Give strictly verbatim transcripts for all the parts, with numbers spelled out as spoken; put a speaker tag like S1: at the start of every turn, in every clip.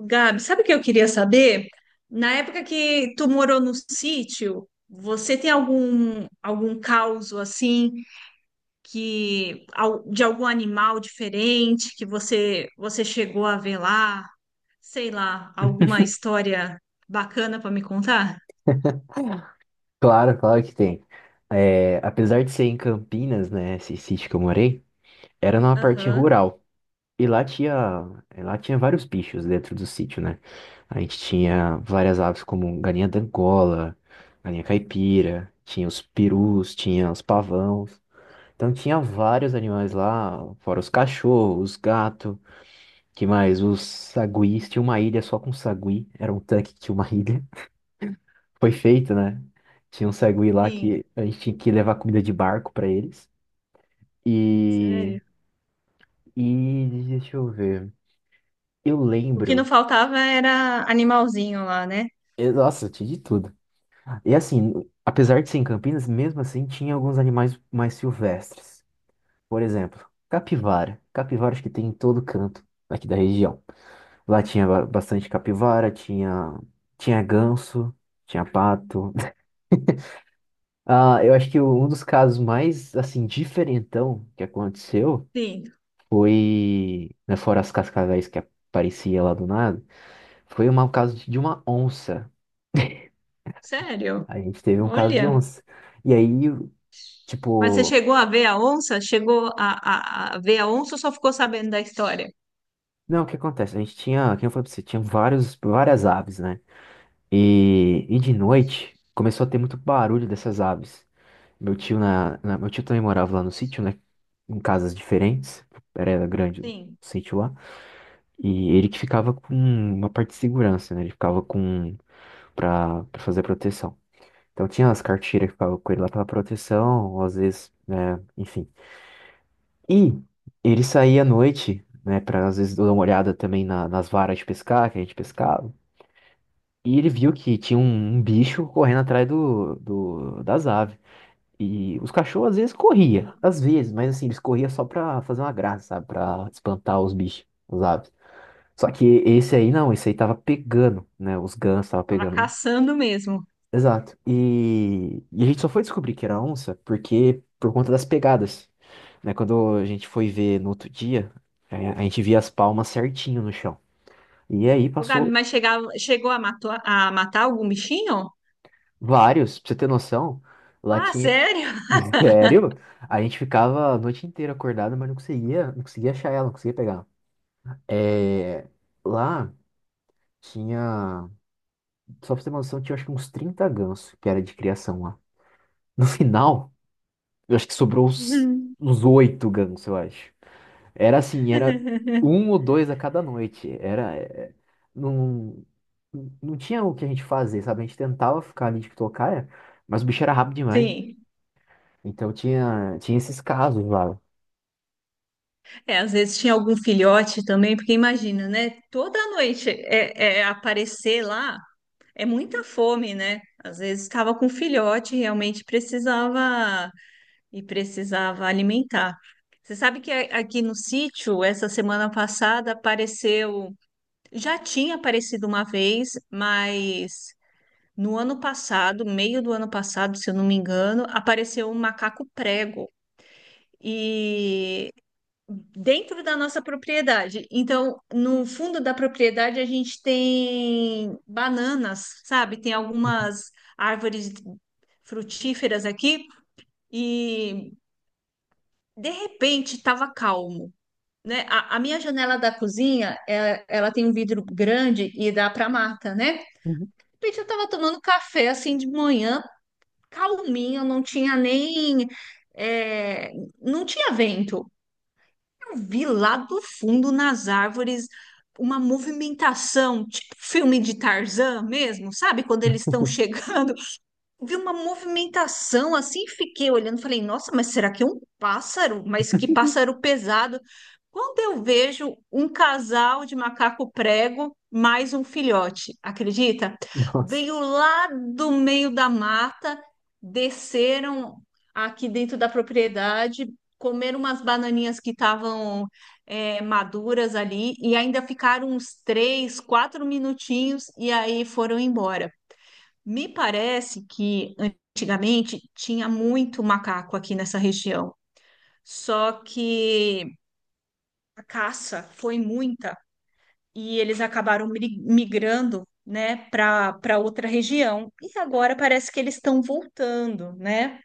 S1: Gabi, sabe o que eu queria saber? Na época que tu morou no sítio, você tem algum algum causo assim que al- de algum animal diferente que você você chegou a ver lá? Sei lá, alguma história bacana para me contar?
S2: Claro, claro que tem. É, apesar de ser em Campinas, né, esse sítio que eu morei, era numa parte
S1: Aham,
S2: rural. E lá tinha, lá tinha vários bichos dentro do sítio, né? A gente tinha várias aves como galinha d'Angola, galinha caipira, tinha os perus, tinha os pavãos. Então tinha vários animais lá, fora os cachorros, os gatos, que mais? Os saguis, tinha uma ilha só com sagui, era um tanque que tinha uma ilha. Foi feito, né? Tinha um sagui lá
S1: sim,
S2: que a gente tinha que levar comida de barco pra eles. E,
S1: sério.
S2: e deixa eu ver. Eu
S1: O que não
S2: lembro.
S1: faltava era animalzinho lá, né?
S2: Eu- nossa, tinha de tudo. E assim, apesar de ser em Campinas, mesmo assim tinha alguns animais mais silvestres. Por exemplo, capivara. Capivara acho que tem em todo canto aqui da região. Lá tinha ba- bastante capivara, tinha, tinha ganso, tinha pato. Ah, eu acho que um dos casos mais, assim, diferentão que aconteceu
S1: Sim,
S2: foi, né, fora as cascavéis que aparecia lá do nada, foi um caso de de uma onça.
S1: sério.
S2: A gente teve um caso de
S1: Olha.
S2: onça. E aí,
S1: Mas você
S2: tipo,
S1: chegou a ver a onça? Chegou a, a, a ver a onça ou só ficou sabendo da história?
S2: não, o que acontece? A gente tinha, quem eu falei pra você, tinha vários, várias aves, né? E, e de noite começou a ter muito barulho dessas aves. Meu tio na, na- meu tio também morava lá no sítio, né? Em casas diferentes. Era grande o
S1: Sim,
S2: sítio lá. E ele que ficava com uma parte de segurança, né? Ele ficava com para fazer a proteção. Então tinha as cartilhas que ficavam com ele lá pela proteção, ou às vezes, né, enfim. E ele saía à noite, né, pra às vezes dar uma olhada também na- nas varas de pescar que a gente pescava. E ele viu que tinha um, um bicho correndo atrás do, do- das aves. E os cachorros às vezes corria,
S1: sim.
S2: às vezes, mas assim, eles corriam só pra fazer uma graça, sabe? Pra espantar os bichos, as aves. Só que esse aí não, esse aí tava pegando, né? Os gansos tava
S1: Tava
S2: pegando.
S1: caçando mesmo.
S2: Exato. E, e a gente só foi descobrir que era onça porque por conta das pegadas, né? Quando a gente foi ver no outro dia, é, a gente via as palmas certinho no chão. E aí
S1: Ô, Gabi,
S2: passou
S1: mas chegava, chegou a, matou- a matar algum bichinho?
S2: vários, pra você ter noção, lá
S1: Ah,
S2: tinha.
S1: sério?
S2: Sério? A gente ficava a noite inteira acordado, mas não conseguia, não conseguia achar ela, não conseguia pegar. É, lá tinha, só pra você ter uma noção, tinha acho que uns trinta gansos que era de criação lá. No final, eu acho que sobrou uns
S1: Uhum.
S2: uns oito gansos, eu acho. Era assim, era um ou dois a cada noite. Era, é, é, não, não tinha o que a gente fazer, sabe? A gente tentava ficar ali de tocaia, mas o bicho era rápido demais.
S1: Sim.
S2: Então tinha, tinha esses casos lá.
S1: É, às vezes tinha algum filhote também, porque imagina, né? Toda noite é, é aparecer lá é muita fome, né? Às vezes estava com filhote, realmente precisava e precisava alimentar. Você sabe que a- aqui no sítio, essa semana passada, apareceu. Já tinha aparecido uma vez, mas no ano passado, meio do ano passado, se eu não me engano, apareceu um macaco prego. E dentro da nossa propriedade. Então, no fundo da propriedade, a gente tem bananas, sabe? Tem algumas árvores frutíferas aqui. E De repente, estava calmo, né? A, a minha janela da cozinha, ela, ela tem um vidro grande e dá para mata, né? De
S2: Uhum.
S1: repente, eu estava tomando café assim de manhã, calminho, não tinha nem, é, não tinha vento. Eu vi lá do fundo nas árvores uma movimentação, tipo filme de Tarzan mesmo, sabe? Quando eles estão chegando vi uma movimentação assim, fiquei olhando, falei, nossa, mas será que é um pássaro? Mas que pássaro pesado. Quando eu vejo um casal de macaco prego mais um filhote, acredita?
S2: Nossa,
S1: Veio lá do meio da mata, desceram aqui dentro da propriedade, comeram umas bananinhas que estavam é, maduras ali e ainda ficaram uns três, quatro minutinhos e aí foram embora. Me parece que antigamente tinha muito macaco aqui nessa região, só que a caça foi muita e eles acabaram mri- migrando, né, para para outra região. E agora parece que eles estão voltando, né?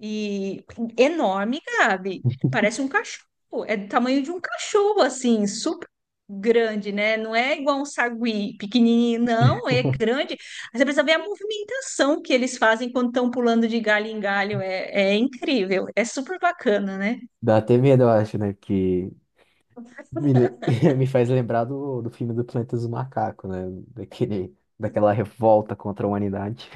S1: E enorme, Gabi. Parece um cachorro. É do tamanho de um cachorro, assim, super grande, né? Não é igual um sagui pequenininho, não. É grande. Aí você precisa ver a movimentação que eles fazem quando estão pulando de galho em galho. É, é incrível. É super bacana, né?
S2: dá até medo, eu acho, né? Que me, le- me faz lembrar do, do filme do Planeta dos Macacos, né? Daquele, daquela revolta contra a humanidade.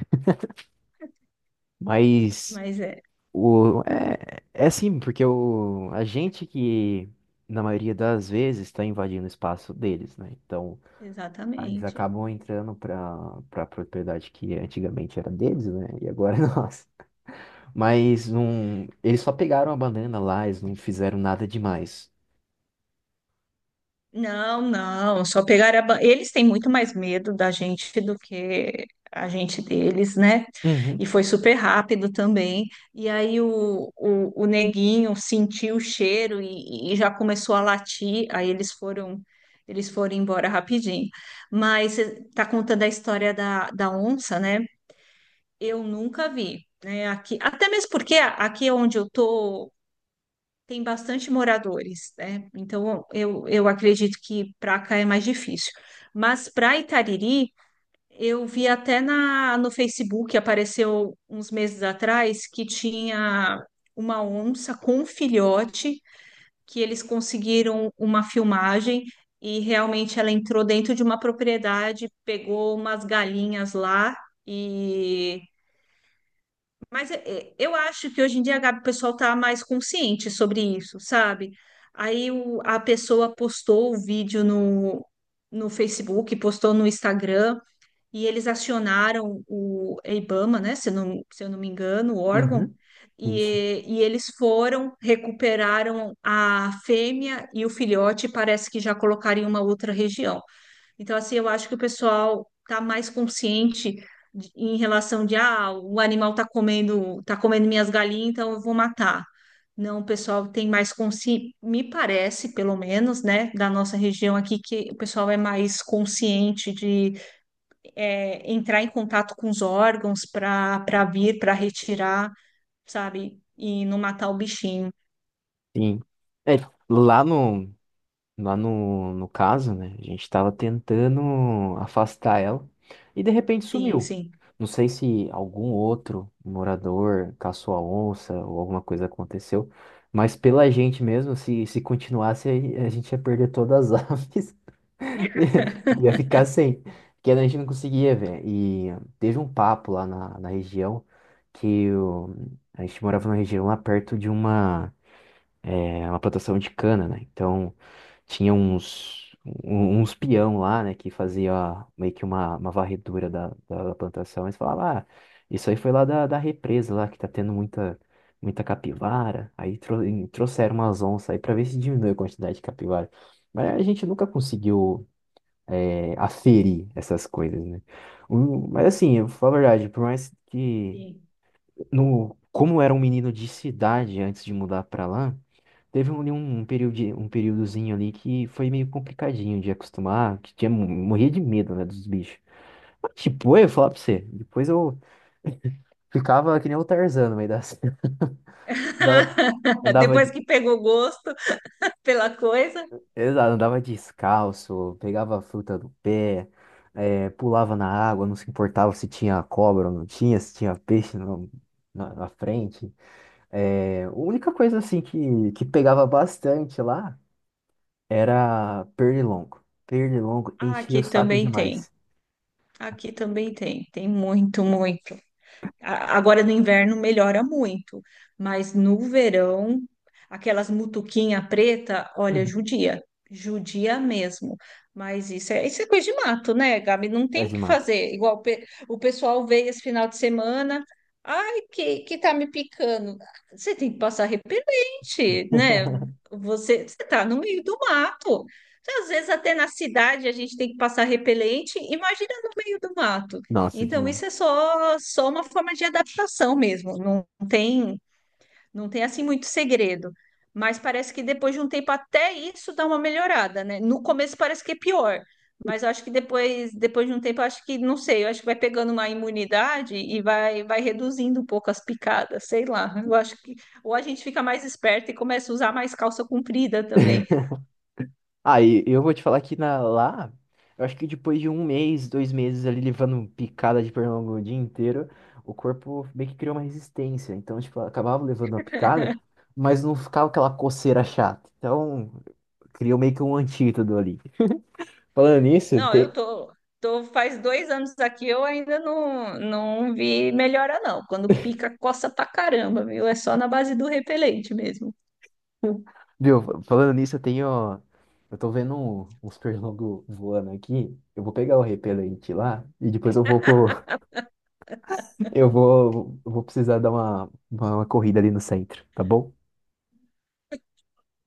S2: Mas
S1: Mas é,
S2: o, é, é sim, porque o, a gente que, na maioria das vezes, está invadindo o espaço deles, né? Então, ah, eles
S1: exatamente.
S2: acabam entrando para para propriedade que antigamente era deles, né? E agora é nossa. Mas não, eles só pegaram a banana lá, eles não fizeram nada demais.
S1: Não, não, só pegar a... ba- Eles têm muito mais medo da gente do que a gente deles, né? E
S2: Uhum,
S1: foi super rápido também. E aí o, o, o neguinho sentiu o cheiro e, e já começou a latir. Aí eles foram eles foram embora rapidinho. Mas você tá contando a história da, da onça, né? Eu nunca vi, né? Aqui, até mesmo porque aqui é onde eu tô tem bastante moradores, né? Então eu, eu acredito que para cá é mais difícil. Mas para Itariri, eu vi até na, no Facebook, apareceu uns meses atrás, que tinha uma onça com um filhote, que eles conseguiram uma filmagem e realmente ela entrou dentro de uma propriedade, pegou umas galinhas lá. E mas é- é, eu acho que hoje em dia, Gabi, o pessoal está mais consciente sobre isso, sabe? Aí o- a pessoa postou o vídeo no, no Facebook, postou no Instagram, e eles acionaram o IBAMA, né? Se eu não, se eu não me engano, o órgão,
S2: uhum, isso.
S1: e, e eles foram, recuperaram a fêmea e o filhote, e parece que já colocaram em uma outra região. Então, assim, eu acho que o pessoal tá mais consciente de- em relação de, ah, o animal tá comendo, tá comendo minhas galinhas, então eu vou matar. Não, o pessoal tem mais consciência, me parece, pelo menos, né, da nossa região aqui, que o pessoal é mais consciente de é, entrar em contato com os órgãos para para vir, para retirar, sabe, e não matar o bichinho.
S2: Sim. É, lá no, Lá no, no caso, né? A gente tava tentando afastar ela e de repente
S1: Sim,
S2: sumiu.
S1: sim,
S2: Não sei se algum outro morador caçou a onça ou alguma coisa aconteceu, mas pela gente mesmo, se, se continuasse, a a gente ia perder todas as aves, ia ia ficar sem, porque a gente não conseguia ver. E teve um papo lá na, na região que o- a gente morava numa região lá perto de uma é uma plantação de cana, né? Então tinha uns, um- uns peão lá, né, que fazia meio que uma, uma varredura da, da, da plantação. Eles falavam, ah, isso aí foi lá da, da represa lá, que tá tendo muita, muita capivara. Aí tro- e trouxeram umas onças aí pra ver se diminui a quantidade de capivara. Mas a gente nunca conseguiu é, aferir essas coisas, né? O- mas assim, eu vou falar a verdade, por mais que...
S1: sim.
S2: No, Como era um menino de cidade antes de mudar pra lá, teve um, um período, de- um períodozinho ali que foi meio complicadinho de acostumar, que tinha, morria de medo, né, dos bichos. Mas, tipo, eu ia falar pra você, depois eu ficava que nem o Tarzan no meio da cena. Andava, andava,
S1: Depois
S2: de,
S1: que pegou gosto pela coisa,
S2: exato, andava descalço, pegava a fruta do pé, eh, pulava na água, não se importava se tinha cobra ou não tinha, se tinha peixe no- na, na frente. Eh, a única coisa, assim, que, que pegava bastante lá era pernilongo. Pernilongo
S1: ah,
S2: enchia
S1: aqui
S2: o saco
S1: também tem.
S2: demais.
S1: Aqui também tem, tem muito, muito. A- Agora no inverno melhora muito, mas no verão, aquelas mutuquinha preta, olha,
S2: Uhum.
S1: judia, judia mesmo. Mas isso é, isso é coisa de mato, né, Gabi? Não
S2: É
S1: tem o
S2: de
S1: que
S2: mata.
S1: fazer. Igual o pe- o pessoal veio esse final de semana, ai, que, que tá me picando. Você tem que passar repelente, né? Você, você tá no meio do mato. Às vezes até na cidade a gente tem que passar repelente, imagina no meio do mato.
S2: Nossa,
S1: Então,
S2: demais.
S1: isso é só, só uma forma de adaptação mesmo. Não tem, não tem assim muito segredo. Mas parece que depois de um tempo até isso dá uma melhorada, né? No começo parece que é pior, mas eu acho que depois, depois de um tempo, eu acho que, não sei, eu acho que vai pegando uma imunidade e vai, vai reduzindo um pouco as picadas, sei lá. Eu acho que ou a gente fica mais esperto e começa a usar mais calça comprida também.
S2: Aí eu vou te falar que na, lá, eu acho que depois de um mês, dois meses ali levando picada de pernilongo o dia inteiro, o corpo meio que criou uma resistência. Então, tipo, eu acabava levando a picada, mas não ficava aquela coceira chata. Então, criou meio que um antídoto ali. Falando nisso,
S1: Não, eu
S2: tem,
S1: tô, Tô faz dois anos aqui, eu ainda não, não vi melhora, não. Quando pica, coça pra caramba, viu? É só na base do repelente mesmo.
S2: Viu, falando nisso, eu tenho. Eu tô vendo um- uns pernilongos voando aqui. Eu vou pegar o repelente lá e depois eu vou pro- eu vou, eu vou precisar dar uma, uma uma corrida ali no centro, tá bom?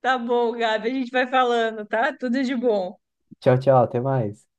S1: Tá bom, Gabi, a gente vai falando, tá? Tudo de bom.
S2: Tchau, tchau, até mais.